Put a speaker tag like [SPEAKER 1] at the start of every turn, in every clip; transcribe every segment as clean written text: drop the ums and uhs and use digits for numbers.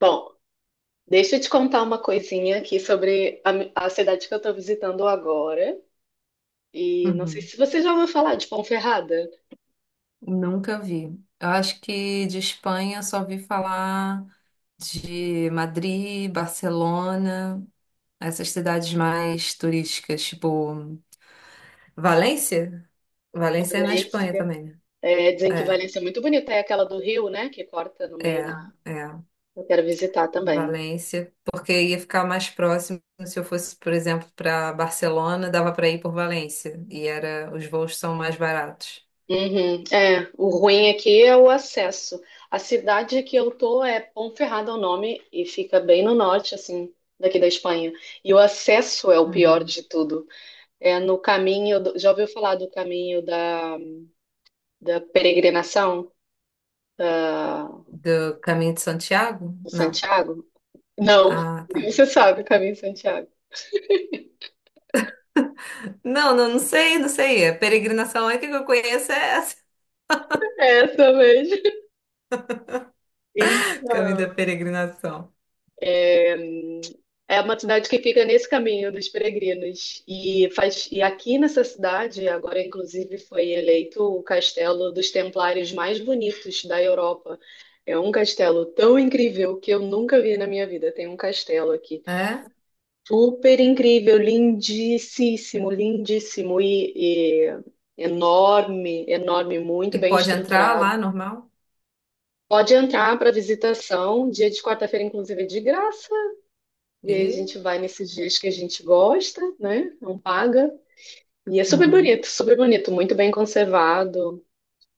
[SPEAKER 1] Bom, deixa eu te contar uma coisinha aqui sobre a cidade que eu estou visitando agora. E não sei
[SPEAKER 2] Uhum.
[SPEAKER 1] se você já ouviu falar de Ponferrada.
[SPEAKER 2] Nunca vi. Eu acho que de Espanha só vi falar de Madrid, Barcelona, essas cidades mais turísticas, tipo Valência? Valência é na Espanha
[SPEAKER 1] Valência.
[SPEAKER 2] também, né?
[SPEAKER 1] É, dizem que
[SPEAKER 2] É,
[SPEAKER 1] Valência é muito bonita, é aquela do rio, né? Que corta no
[SPEAKER 2] é,
[SPEAKER 1] meio da.
[SPEAKER 2] é.
[SPEAKER 1] Eu quero visitar também.
[SPEAKER 2] Valência, porque ia ficar mais próximo se eu fosse, por exemplo, para Barcelona, dava para ir por Valência e era os voos são mais baratos.
[SPEAKER 1] Uhum. É, o ruim aqui é o acesso. A cidade que eu tô é Ponferrada é o nome e fica bem no norte, assim, daqui da Espanha. E o acesso é o pior
[SPEAKER 2] Uhum.
[SPEAKER 1] de tudo. É no caminho, já ouviu falar do caminho da peregrinação da,
[SPEAKER 2] Do Caminho de Santiago?
[SPEAKER 1] do
[SPEAKER 2] Não.
[SPEAKER 1] Santiago? Não.
[SPEAKER 2] Ah, tá.
[SPEAKER 1] Você sabe o caminho de Santiago.
[SPEAKER 2] Não, não, não sei, não sei. A peregrinação, a única que eu conheço é essa.
[SPEAKER 1] É essa mesmo.
[SPEAKER 2] Caminho
[SPEAKER 1] Então,
[SPEAKER 2] da peregrinação.
[SPEAKER 1] é, é uma cidade que fica nesse caminho dos peregrinos. E, faz, e aqui nessa cidade, agora inclusive foi eleito o castelo dos templários mais bonitos da Europa. É um castelo tão incrível que eu nunca vi na minha vida. Tem um castelo aqui
[SPEAKER 2] É?
[SPEAKER 1] super incrível, lindíssimo, lindíssimo e enorme, enorme, muito
[SPEAKER 2] E
[SPEAKER 1] bem
[SPEAKER 2] pode entrar
[SPEAKER 1] estruturado.
[SPEAKER 2] lá, normal?
[SPEAKER 1] Pode entrar para visitação, dia de quarta-feira, inclusive, é de graça. E aí a
[SPEAKER 2] E,
[SPEAKER 1] gente vai nesses dias que a gente gosta, né? Não paga. E é
[SPEAKER 2] uhum.
[SPEAKER 1] super bonito, muito bem conservado,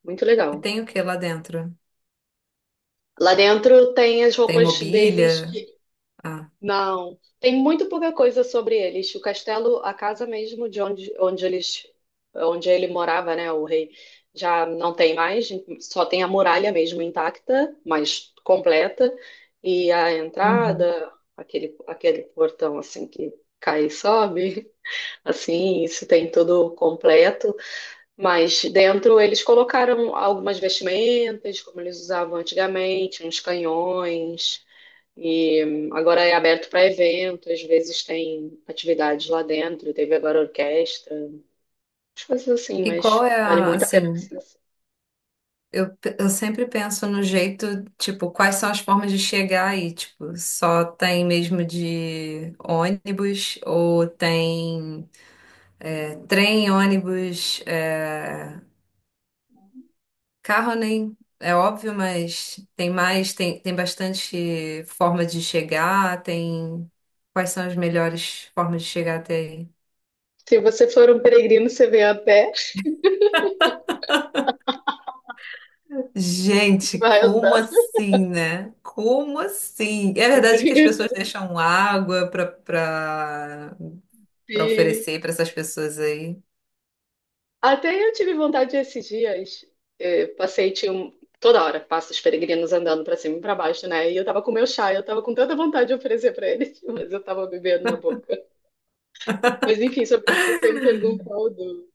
[SPEAKER 1] muito
[SPEAKER 2] E
[SPEAKER 1] legal.
[SPEAKER 2] tem o que lá dentro?
[SPEAKER 1] Lá dentro tem as
[SPEAKER 2] Tem
[SPEAKER 1] roupas deles,
[SPEAKER 2] mobília?
[SPEAKER 1] que...
[SPEAKER 2] Ah,
[SPEAKER 1] Não, tem muito pouca coisa sobre eles. O castelo, a casa mesmo de onde eles, onde ele morava, né, o rei, já não tem mais, só tem a muralha mesmo intacta, mas completa, e a
[SPEAKER 2] uhum.
[SPEAKER 1] entrada, aquele portão assim que cai e sobe, assim, isso tem tudo completo, mas dentro eles colocaram algumas vestimentas, como eles usavam antigamente, uns canhões. E agora é aberto para evento, às vezes tem atividades lá dentro, teve agora orquestra, as coisas assim,
[SPEAKER 2] E qual
[SPEAKER 1] mas
[SPEAKER 2] é
[SPEAKER 1] vale
[SPEAKER 2] a,
[SPEAKER 1] muito a pena
[SPEAKER 2] assim,
[SPEAKER 1] você.
[SPEAKER 2] eu, pe- eu sempre penso no jeito, tipo, quais são as formas de chegar aí? Tipo, só tem mesmo de ônibus ou tem trem, ônibus, carro nem é óbvio, mas tem mais, tem bastante forma de chegar, tem quais são as melhores formas de chegar até aí?
[SPEAKER 1] Se você for um peregrino, você vem a pé,
[SPEAKER 2] Gente,
[SPEAKER 1] vai andando.
[SPEAKER 2] como assim, né? Como assim? É verdade que as pessoas deixam água para
[SPEAKER 1] E
[SPEAKER 2] oferecer para essas pessoas aí.
[SPEAKER 1] até eu tive vontade esses dias, eu passei, toda hora, passa os peregrinos andando para cima e para baixo, né? E eu tava com meu chá, eu tava com tanta vontade de oferecer para eles, mas eu tava bebendo na boca. Mas enfim, sobre o que você me perguntou do,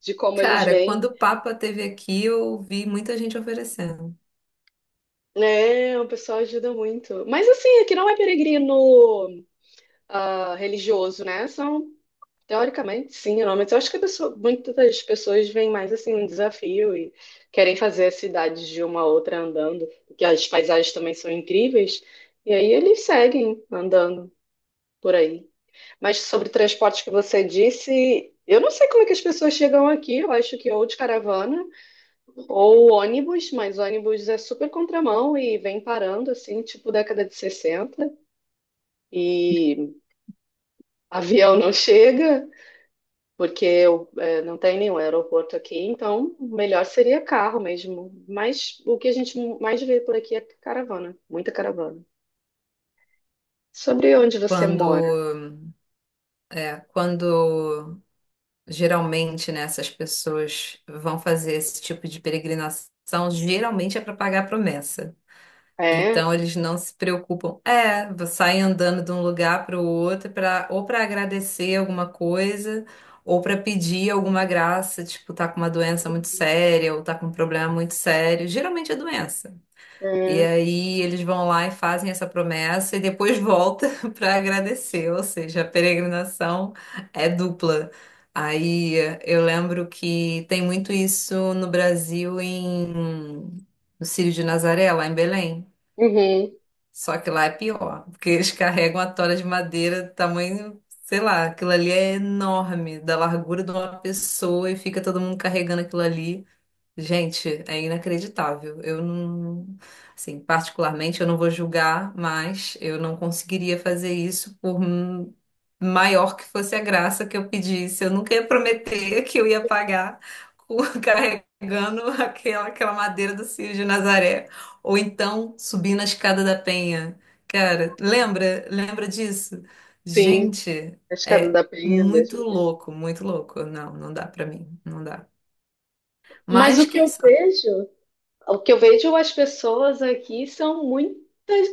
[SPEAKER 1] de como eles
[SPEAKER 2] Cara, quando
[SPEAKER 1] vêm.
[SPEAKER 2] o Papa esteve aqui, eu vi muita gente oferecendo.
[SPEAKER 1] Né, o pessoal ajuda muito. Mas assim, aqui não é peregrino ah, religioso, né? São, teoricamente, sim, não, mas eu acho que muitas das pessoas veem mais assim um desafio e querem fazer as cidades de uma a outra andando, porque as paisagens também são incríveis, e aí eles seguem andando por aí. Mas sobre transporte que você disse, eu não sei como é que as pessoas chegam aqui, eu acho que é ou de caravana. Ou ônibus, mas ônibus é super contramão e vem parando, assim, tipo década de 60. E avião não chega, porque eu, não tem nenhum aeroporto aqui, então o melhor seria carro mesmo. Mas o que a gente mais vê por aqui é caravana, muita caravana. Sobre onde você
[SPEAKER 2] Quando,
[SPEAKER 1] mora?
[SPEAKER 2] é, quando Geralmente, né, essas pessoas vão fazer esse tipo de peregrinação, geralmente é para pagar a promessa.
[SPEAKER 1] É,
[SPEAKER 2] Então, eles não se preocupam. É, saem andando de um lugar para o outro para ou para agradecer alguma coisa, ou para pedir alguma graça, tipo, tá com uma doença muito séria, ou tá com um problema muito sério. Geralmente é doença. E
[SPEAKER 1] é,
[SPEAKER 2] aí eles vão lá e fazem essa promessa e depois volta para agradecer, ou seja, a peregrinação é dupla. Aí eu lembro que tem muito isso no Brasil no Círio de Nazaré, lá em Belém.
[SPEAKER 1] uhum,
[SPEAKER 2] Só que lá é pior, porque eles carregam a tora de madeira do tamanho, sei lá, aquilo ali é enorme, da largura de uma pessoa e fica todo mundo carregando aquilo ali. Gente, é inacreditável. Eu não, assim, particularmente eu não vou julgar, mas eu não conseguiria fazer isso por maior que fosse a graça que eu pedisse. Eu nunca ia prometer que eu ia pagar carregando aquela madeira do Círio de Nazaré. Ou então subindo a escada da Penha. Cara, lembra? Lembra disso?
[SPEAKER 1] sim,
[SPEAKER 2] Gente,
[SPEAKER 1] a Escada
[SPEAKER 2] é
[SPEAKER 1] da Penha. Deus me
[SPEAKER 2] muito
[SPEAKER 1] livre.
[SPEAKER 2] louco, muito louco. Não, não dá pra mim, não dá.
[SPEAKER 1] Mas
[SPEAKER 2] Mas
[SPEAKER 1] o que
[SPEAKER 2] quem
[SPEAKER 1] eu vejo O que eu vejo as pessoas aqui são muitas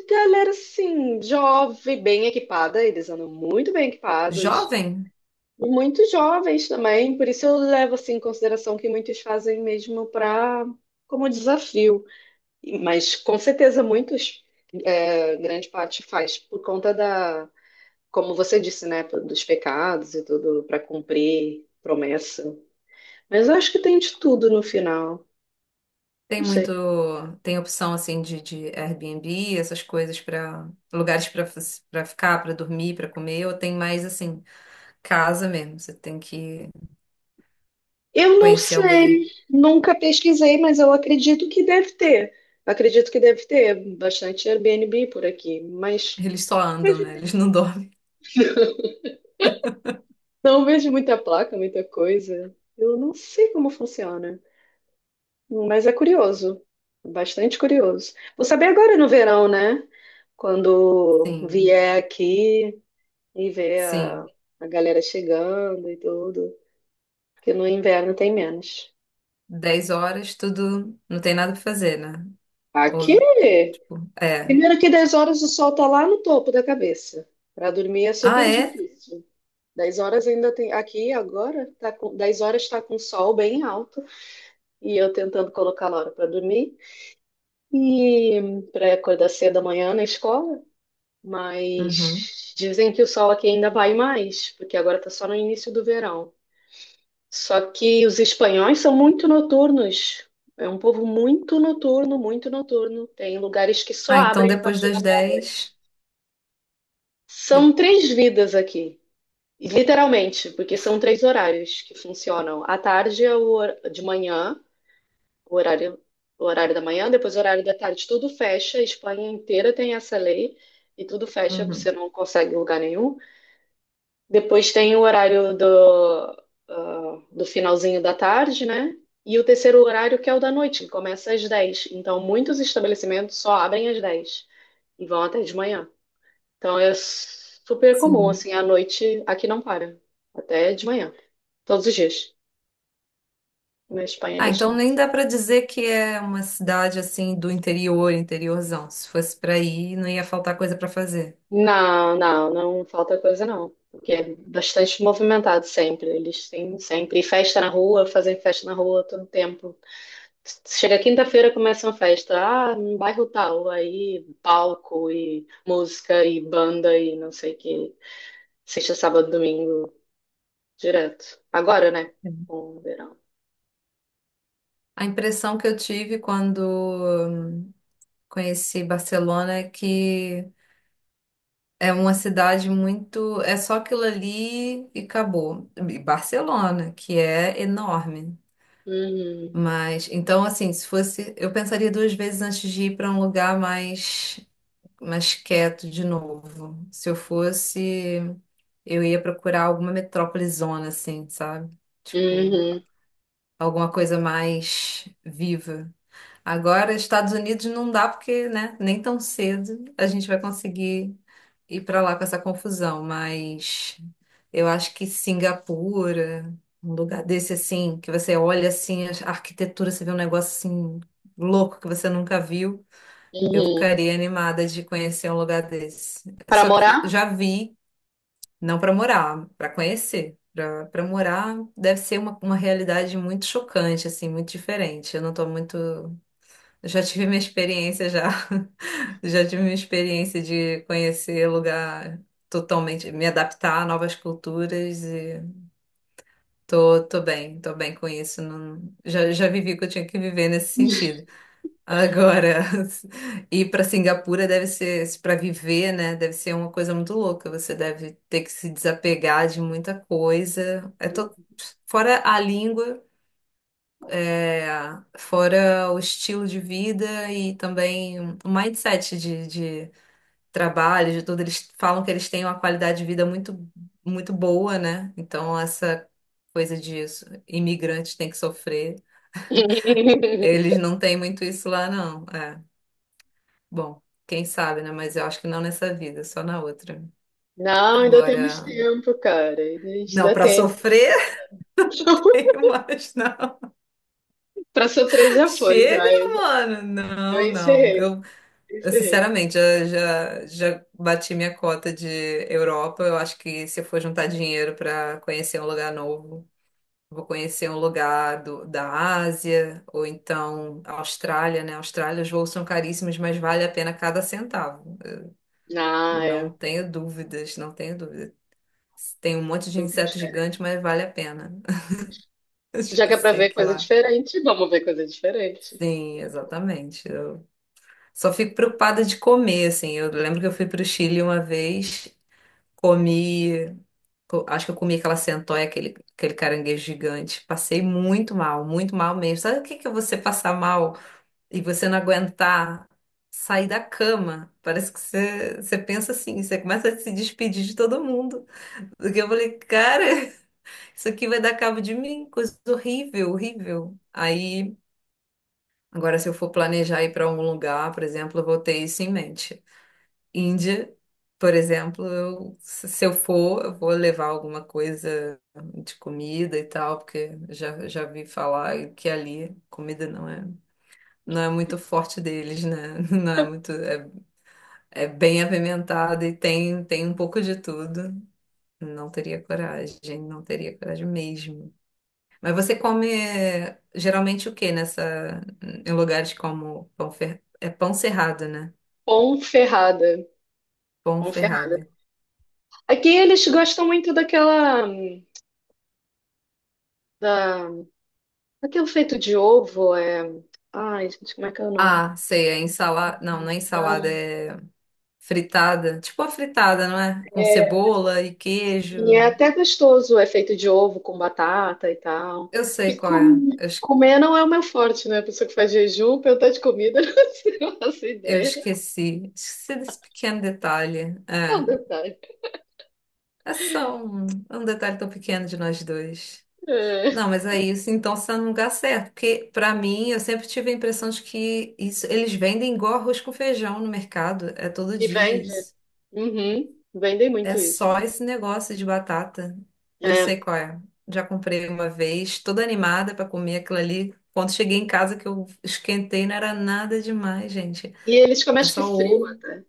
[SPEAKER 1] galera assim, jovem, bem equipada, eles andam muito bem equipados,
[SPEAKER 2] Jovem
[SPEAKER 1] muito jovens também, por isso eu levo assim em consideração que muitos fazem mesmo para como desafio, mas com certeza muitos, é, grande parte faz por conta da, como você disse, né, dos pecados e tudo para cumprir promessa. Mas eu acho que tem de tudo no final,
[SPEAKER 2] tem
[SPEAKER 1] não sei.
[SPEAKER 2] muito, tem opção assim de Airbnb, essas coisas para lugares para ficar, para dormir, para comer, ou tem mais assim, casa mesmo. Você tem que
[SPEAKER 1] Eu não
[SPEAKER 2] conhecer alguém.
[SPEAKER 1] sei, nunca pesquisei, mas eu acredito que deve ter. Acredito que deve ter bastante Airbnb por aqui, mas
[SPEAKER 2] Eles só andam, né? Eles não dormem.
[SPEAKER 1] não vejo muita placa, muita coisa. Eu não sei como funciona, mas é curioso, bastante curioso. Vou saber agora no verão, né? Quando
[SPEAKER 2] Sim,
[SPEAKER 1] vier aqui e ver
[SPEAKER 2] sim.
[SPEAKER 1] a galera chegando e tudo, porque no inverno tem menos.
[SPEAKER 2] 10 horas, tudo, não tem nada para fazer, né? Ou,
[SPEAKER 1] Aqui...
[SPEAKER 2] tipo, é.
[SPEAKER 1] Primeiro que 10 horas o sol tá lá no topo da cabeça. Para dormir é
[SPEAKER 2] Ah,
[SPEAKER 1] super
[SPEAKER 2] é?
[SPEAKER 1] difícil. 10 horas ainda tem. Aqui agora, tá com, 10 horas está com o sol bem alto e eu tentando colocar a hora para dormir e para acordar cedo amanhã na escola.
[SPEAKER 2] Uhum.
[SPEAKER 1] Mas dizem que o sol aqui ainda vai mais, porque agora tá só no início do verão. Só que os espanhóis são muito noturnos. É um povo muito noturno, muito noturno. Tem lugares que só
[SPEAKER 2] Ah, então
[SPEAKER 1] abrem a
[SPEAKER 2] depois
[SPEAKER 1] partir da
[SPEAKER 2] das
[SPEAKER 1] meia-noite.
[SPEAKER 2] 10 de-
[SPEAKER 1] São três vidas aqui, literalmente, porque são três horários que funcionam. À tarde é o hor- de manhã, o horário, o horário da manhã, depois o horário da tarde, tudo fecha. A Espanha inteira tem essa lei e tudo fecha, você
[SPEAKER 2] Uhum.
[SPEAKER 1] não consegue lugar nenhum. Depois tem o horário do, ah, do finalzinho da tarde, né? E o terceiro horário que é o da noite, que começa às 10. Então, muitos estabelecimentos só abrem às 10 e vão até de manhã. Então é super comum,
[SPEAKER 2] Sim.
[SPEAKER 1] assim, à noite aqui não para, até de manhã, todos os dias. Na Espanha
[SPEAKER 2] Ah,
[SPEAKER 1] neste
[SPEAKER 2] então nem
[SPEAKER 1] início.
[SPEAKER 2] dá pra dizer que é uma cidade assim do interior, interiorzão. Se fosse pra ir, não ia faltar coisa pra fazer.
[SPEAKER 1] Não, não, não falta coisa não, porque é bastante movimentado sempre. Eles têm sempre festa na rua, fazem festa na rua todo tempo. Chega quinta-feira, começa uma festa, ah, no bairro tal, aí palco e música e banda e não sei o que. Sexta, sábado, domingo, direto. Agora, né? Com o verão.
[SPEAKER 2] A impressão que eu tive quando hum, conheci Barcelona é que é uma cidade muito. É só aquilo ali e acabou. E Barcelona, que é enorme.
[SPEAKER 1] Uhum,
[SPEAKER 2] Mas, então, assim, se fosse. Eu pensaria duas vezes antes de ir para um lugar mais, mais quieto de novo. Se eu fosse, eu ia procurar alguma metrópole zona, assim, sabe? Tipo,
[SPEAKER 1] uhum,
[SPEAKER 2] alguma coisa mais viva. Agora, Estados Unidos não dá porque, né, nem tão cedo a gente vai conseguir ir para lá com essa confusão, mas eu acho que Singapura, um lugar desse assim, que você olha assim, a arquitetura, você vê um negócio assim louco que você nunca viu, eu
[SPEAKER 1] uhum.
[SPEAKER 2] ficaria animada de conhecer um lugar desse.
[SPEAKER 1] Para
[SPEAKER 2] Só que
[SPEAKER 1] morar?
[SPEAKER 2] já vi, não para morar, para conhecer. Para morar deve ser uma realidade muito chocante, assim, muito diferente. Eu não estou muito eu já tive minha experiência já. Já tive minha experiência de conhecer lugar totalmente, me adaptar a novas culturas e tô bem, tô bem com isso. Não, já, já vivi o que eu tinha que viver nesse sentido. Agora, ir para Singapura deve ser, para viver, né? Deve ser uma coisa muito louca. Você deve ter que se desapegar de muita coisa. Fora a língua. É, fora o estilo de vida e também o mindset de trabalho, de tudo, eles falam que eles têm uma qualidade de vida muito, muito boa, né? Então, essa coisa de isso, imigrantes têm que sofrer, eles não têm muito isso lá, não. É, bom, quem sabe, né? Mas eu acho que não nessa vida, só na outra.
[SPEAKER 1] Não, ainda temos
[SPEAKER 2] Agora,
[SPEAKER 1] tempo, cara. A gente
[SPEAKER 2] não,
[SPEAKER 1] ainda
[SPEAKER 2] para
[SPEAKER 1] tem.
[SPEAKER 2] sofrer, mas não.
[SPEAKER 1] Para sofrer já foi,
[SPEAKER 2] Chega,
[SPEAKER 1] já. Eu, já,
[SPEAKER 2] mano.
[SPEAKER 1] eu
[SPEAKER 2] Não, não.
[SPEAKER 1] encerrei,
[SPEAKER 2] Eu,
[SPEAKER 1] encerrei.
[SPEAKER 2] sinceramente, já bati minha cota de Europa. Eu acho que se eu for juntar dinheiro para conhecer um lugar novo, vou conhecer um lugar da Ásia ou então a Austrália, né? Austrália, os voos são caríssimos, mas vale a pena cada centavo.
[SPEAKER 1] Ah,
[SPEAKER 2] Eu
[SPEAKER 1] é
[SPEAKER 2] não tenho dúvidas, não tenho dúvidas. Tem um monte de
[SPEAKER 1] muito
[SPEAKER 2] inseto gigante,
[SPEAKER 1] diferente.
[SPEAKER 2] mas vale a pena. Eu
[SPEAKER 1] Se já
[SPEAKER 2] já
[SPEAKER 1] que é para
[SPEAKER 2] sei
[SPEAKER 1] ver
[SPEAKER 2] que
[SPEAKER 1] coisa
[SPEAKER 2] lá.
[SPEAKER 1] diferente, vamos ver coisa diferente.
[SPEAKER 2] Sim, exatamente. Eu só fico preocupada de comer, assim. Eu lembro que eu fui para o Chile uma vez. Comi. Acho que eu comi aquela centoia, aquele caranguejo gigante. Passei muito mal mesmo. Sabe o que que é você passar mal e você não aguentar sair da cama? Parece que você, você pensa assim, você começa a se despedir de todo mundo. Porque eu falei, cara, isso aqui vai dar cabo de mim, coisa horrível, horrível. Aí, agora se eu for planejar ir para algum lugar, por exemplo, eu vou ter isso em mente. Índia, por exemplo, eu, se eu for, eu vou levar alguma coisa de comida e tal, porque já, já vi falar que ali comida não é, não é muito forte deles, né? Não é muito, é, é bem apimentada e tem um pouco de tudo. Não teria coragem, não teria coragem mesmo. Mas você come geralmente o que nessa, em lugares como é pão cerrado, né?
[SPEAKER 1] Ponferrada.
[SPEAKER 2] Pão
[SPEAKER 1] Ponferrada.
[SPEAKER 2] ferrado.
[SPEAKER 1] Aqui eles gostam muito daquela. Da, daquilo feito de ovo, é. Ai, gente, como é que é o nome?
[SPEAKER 2] Ah, sei, é ensalada. Não, não é ensalada,
[SPEAKER 1] Da-...
[SPEAKER 2] é fritada. Tipo a fritada, não é? Com cebola e
[SPEAKER 1] E é
[SPEAKER 2] queijo.
[SPEAKER 1] até gostoso o efeito de ovo com batata e tal.
[SPEAKER 2] Eu sei qual é.
[SPEAKER 1] Comer não é o meu forte, né? A pessoa que faz jejum, perguntar de comida, não faço
[SPEAKER 2] Eu
[SPEAKER 1] ideia.
[SPEAKER 2] esqueci. Esqueci desse pequeno detalhe.
[SPEAKER 1] Só um
[SPEAKER 2] É.
[SPEAKER 1] detalhe.
[SPEAKER 2] É só um, é um detalhe tão pequeno de nós dois.
[SPEAKER 1] É.
[SPEAKER 2] Não, mas é isso. Então você tá no lugar certo. Porque, pra mim, eu sempre tive a impressão de que isso, eles vendem igual arroz com feijão no mercado. É todo
[SPEAKER 1] E
[SPEAKER 2] dia
[SPEAKER 1] vende.
[SPEAKER 2] isso.
[SPEAKER 1] Uhum. Vendem
[SPEAKER 2] É
[SPEAKER 1] muito isso.
[SPEAKER 2] só esse negócio de batata. Eu
[SPEAKER 1] É.
[SPEAKER 2] sei qual é. Já comprei uma vez, toda animada pra comer aquilo ali. Quando cheguei em casa que eu esquentei, não era nada demais, gente.
[SPEAKER 1] E eles comem
[SPEAKER 2] É
[SPEAKER 1] acho que
[SPEAKER 2] só
[SPEAKER 1] frio
[SPEAKER 2] ovo.
[SPEAKER 1] até.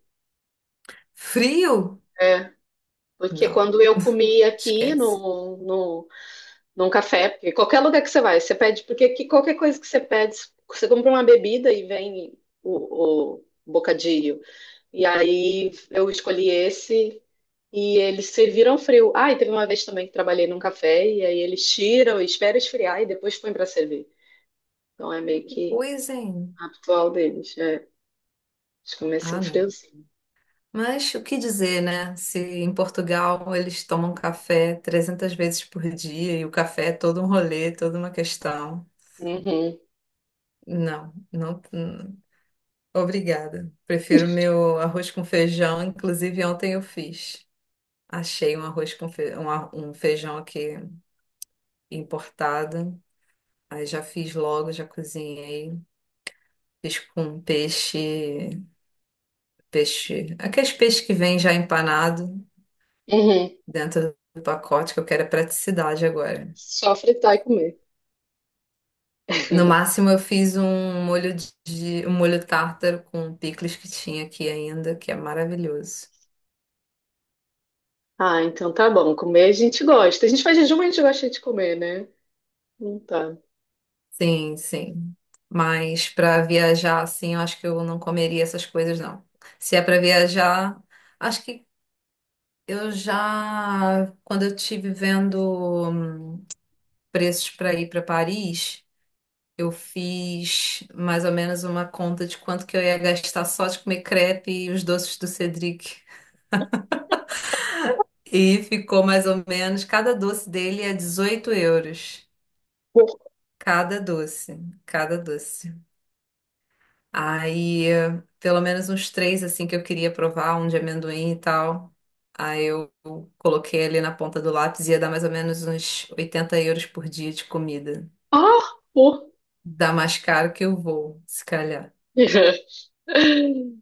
[SPEAKER 2] Frio?
[SPEAKER 1] É. Porque
[SPEAKER 2] Não,
[SPEAKER 1] quando eu comi aqui
[SPEAKER 2] esquece.
[SPEAKER 1] no num café, porque qualquer lugar que você vai, você pede, porque que qualquer coisa que você pede, você compra uma bebida e vem o bocadinho. E aí eu escolhi esse e eles serviram frio. Ah, e teve uma vez também que trabalhei num café e aí eles tiram, esperam esfriar e depois põem para servir. Então é meio
[SPEAKER 2] Que
[SPEAKER 1] que
[SPEAKER 2] coisa, hein?
[SPEAKER 1] habitual deles. É, eles começam
[SPEAKER 2] Ah, não.
[SPEAKER 1] friozinho.
[SPEAKER 2] Mas o que dizer, né? Se em Portugal eles tomam café 300 vezes por dia e o café é todo um rolê, toda uma questão.
[SPEAKER 1] Uhum,
[SPEAKER 2] Não, não. Obrigada. Prefiro meu arroz com feijão. Inclusive, ontem eu fiz. Achei um arroz com fe... um ar- um feijão aqui importado. Aí já fiz logo, já cozinhei. Fiz com peixe, aqueles peixes que vem já empanado
[SPEAKER 1] uhum.
[SPEAKER 2] dentro do pacote, que eu quero é praticidade agora.
[SPEAKER 1] Só fritar e comer.
[SPEAKER 2] No máximo, eu fiz um molho de um molho tártaro com picles que tinha aqui ainda, que é maravilhoso.
[SPEAKER 1] Ah, então tá bom. Comer a gente gosta. A gente faz jejum, mas a gente gosta de comer, né? Não tá.
[SPEAKER 2] Sim, sim. Mas para viajar assim, eu acho que eu não comeria essas coisas, não. Se é para viajar, acho que eu já, quando eu estive vendo preços para ir para Paris, eu fiz mais ou menos uma conta de quanto que eu ia gastar só de comer crepe e os doces do Cedric. E ficou mais ou menos, cada doce dele é 18 euros. Cada doce, cada doce. Aí, pelo menos uns três, assim, que eu queria provar, um de amendoim e tal. Aí eu coloquei ali na ponta do lápis, ia dar mais ou menos uns 80 euros por dia de comida.
[SPEAKER 1] Ah, pô.
[SPEAKER 2] Dá mais caro que o voo, se calhar.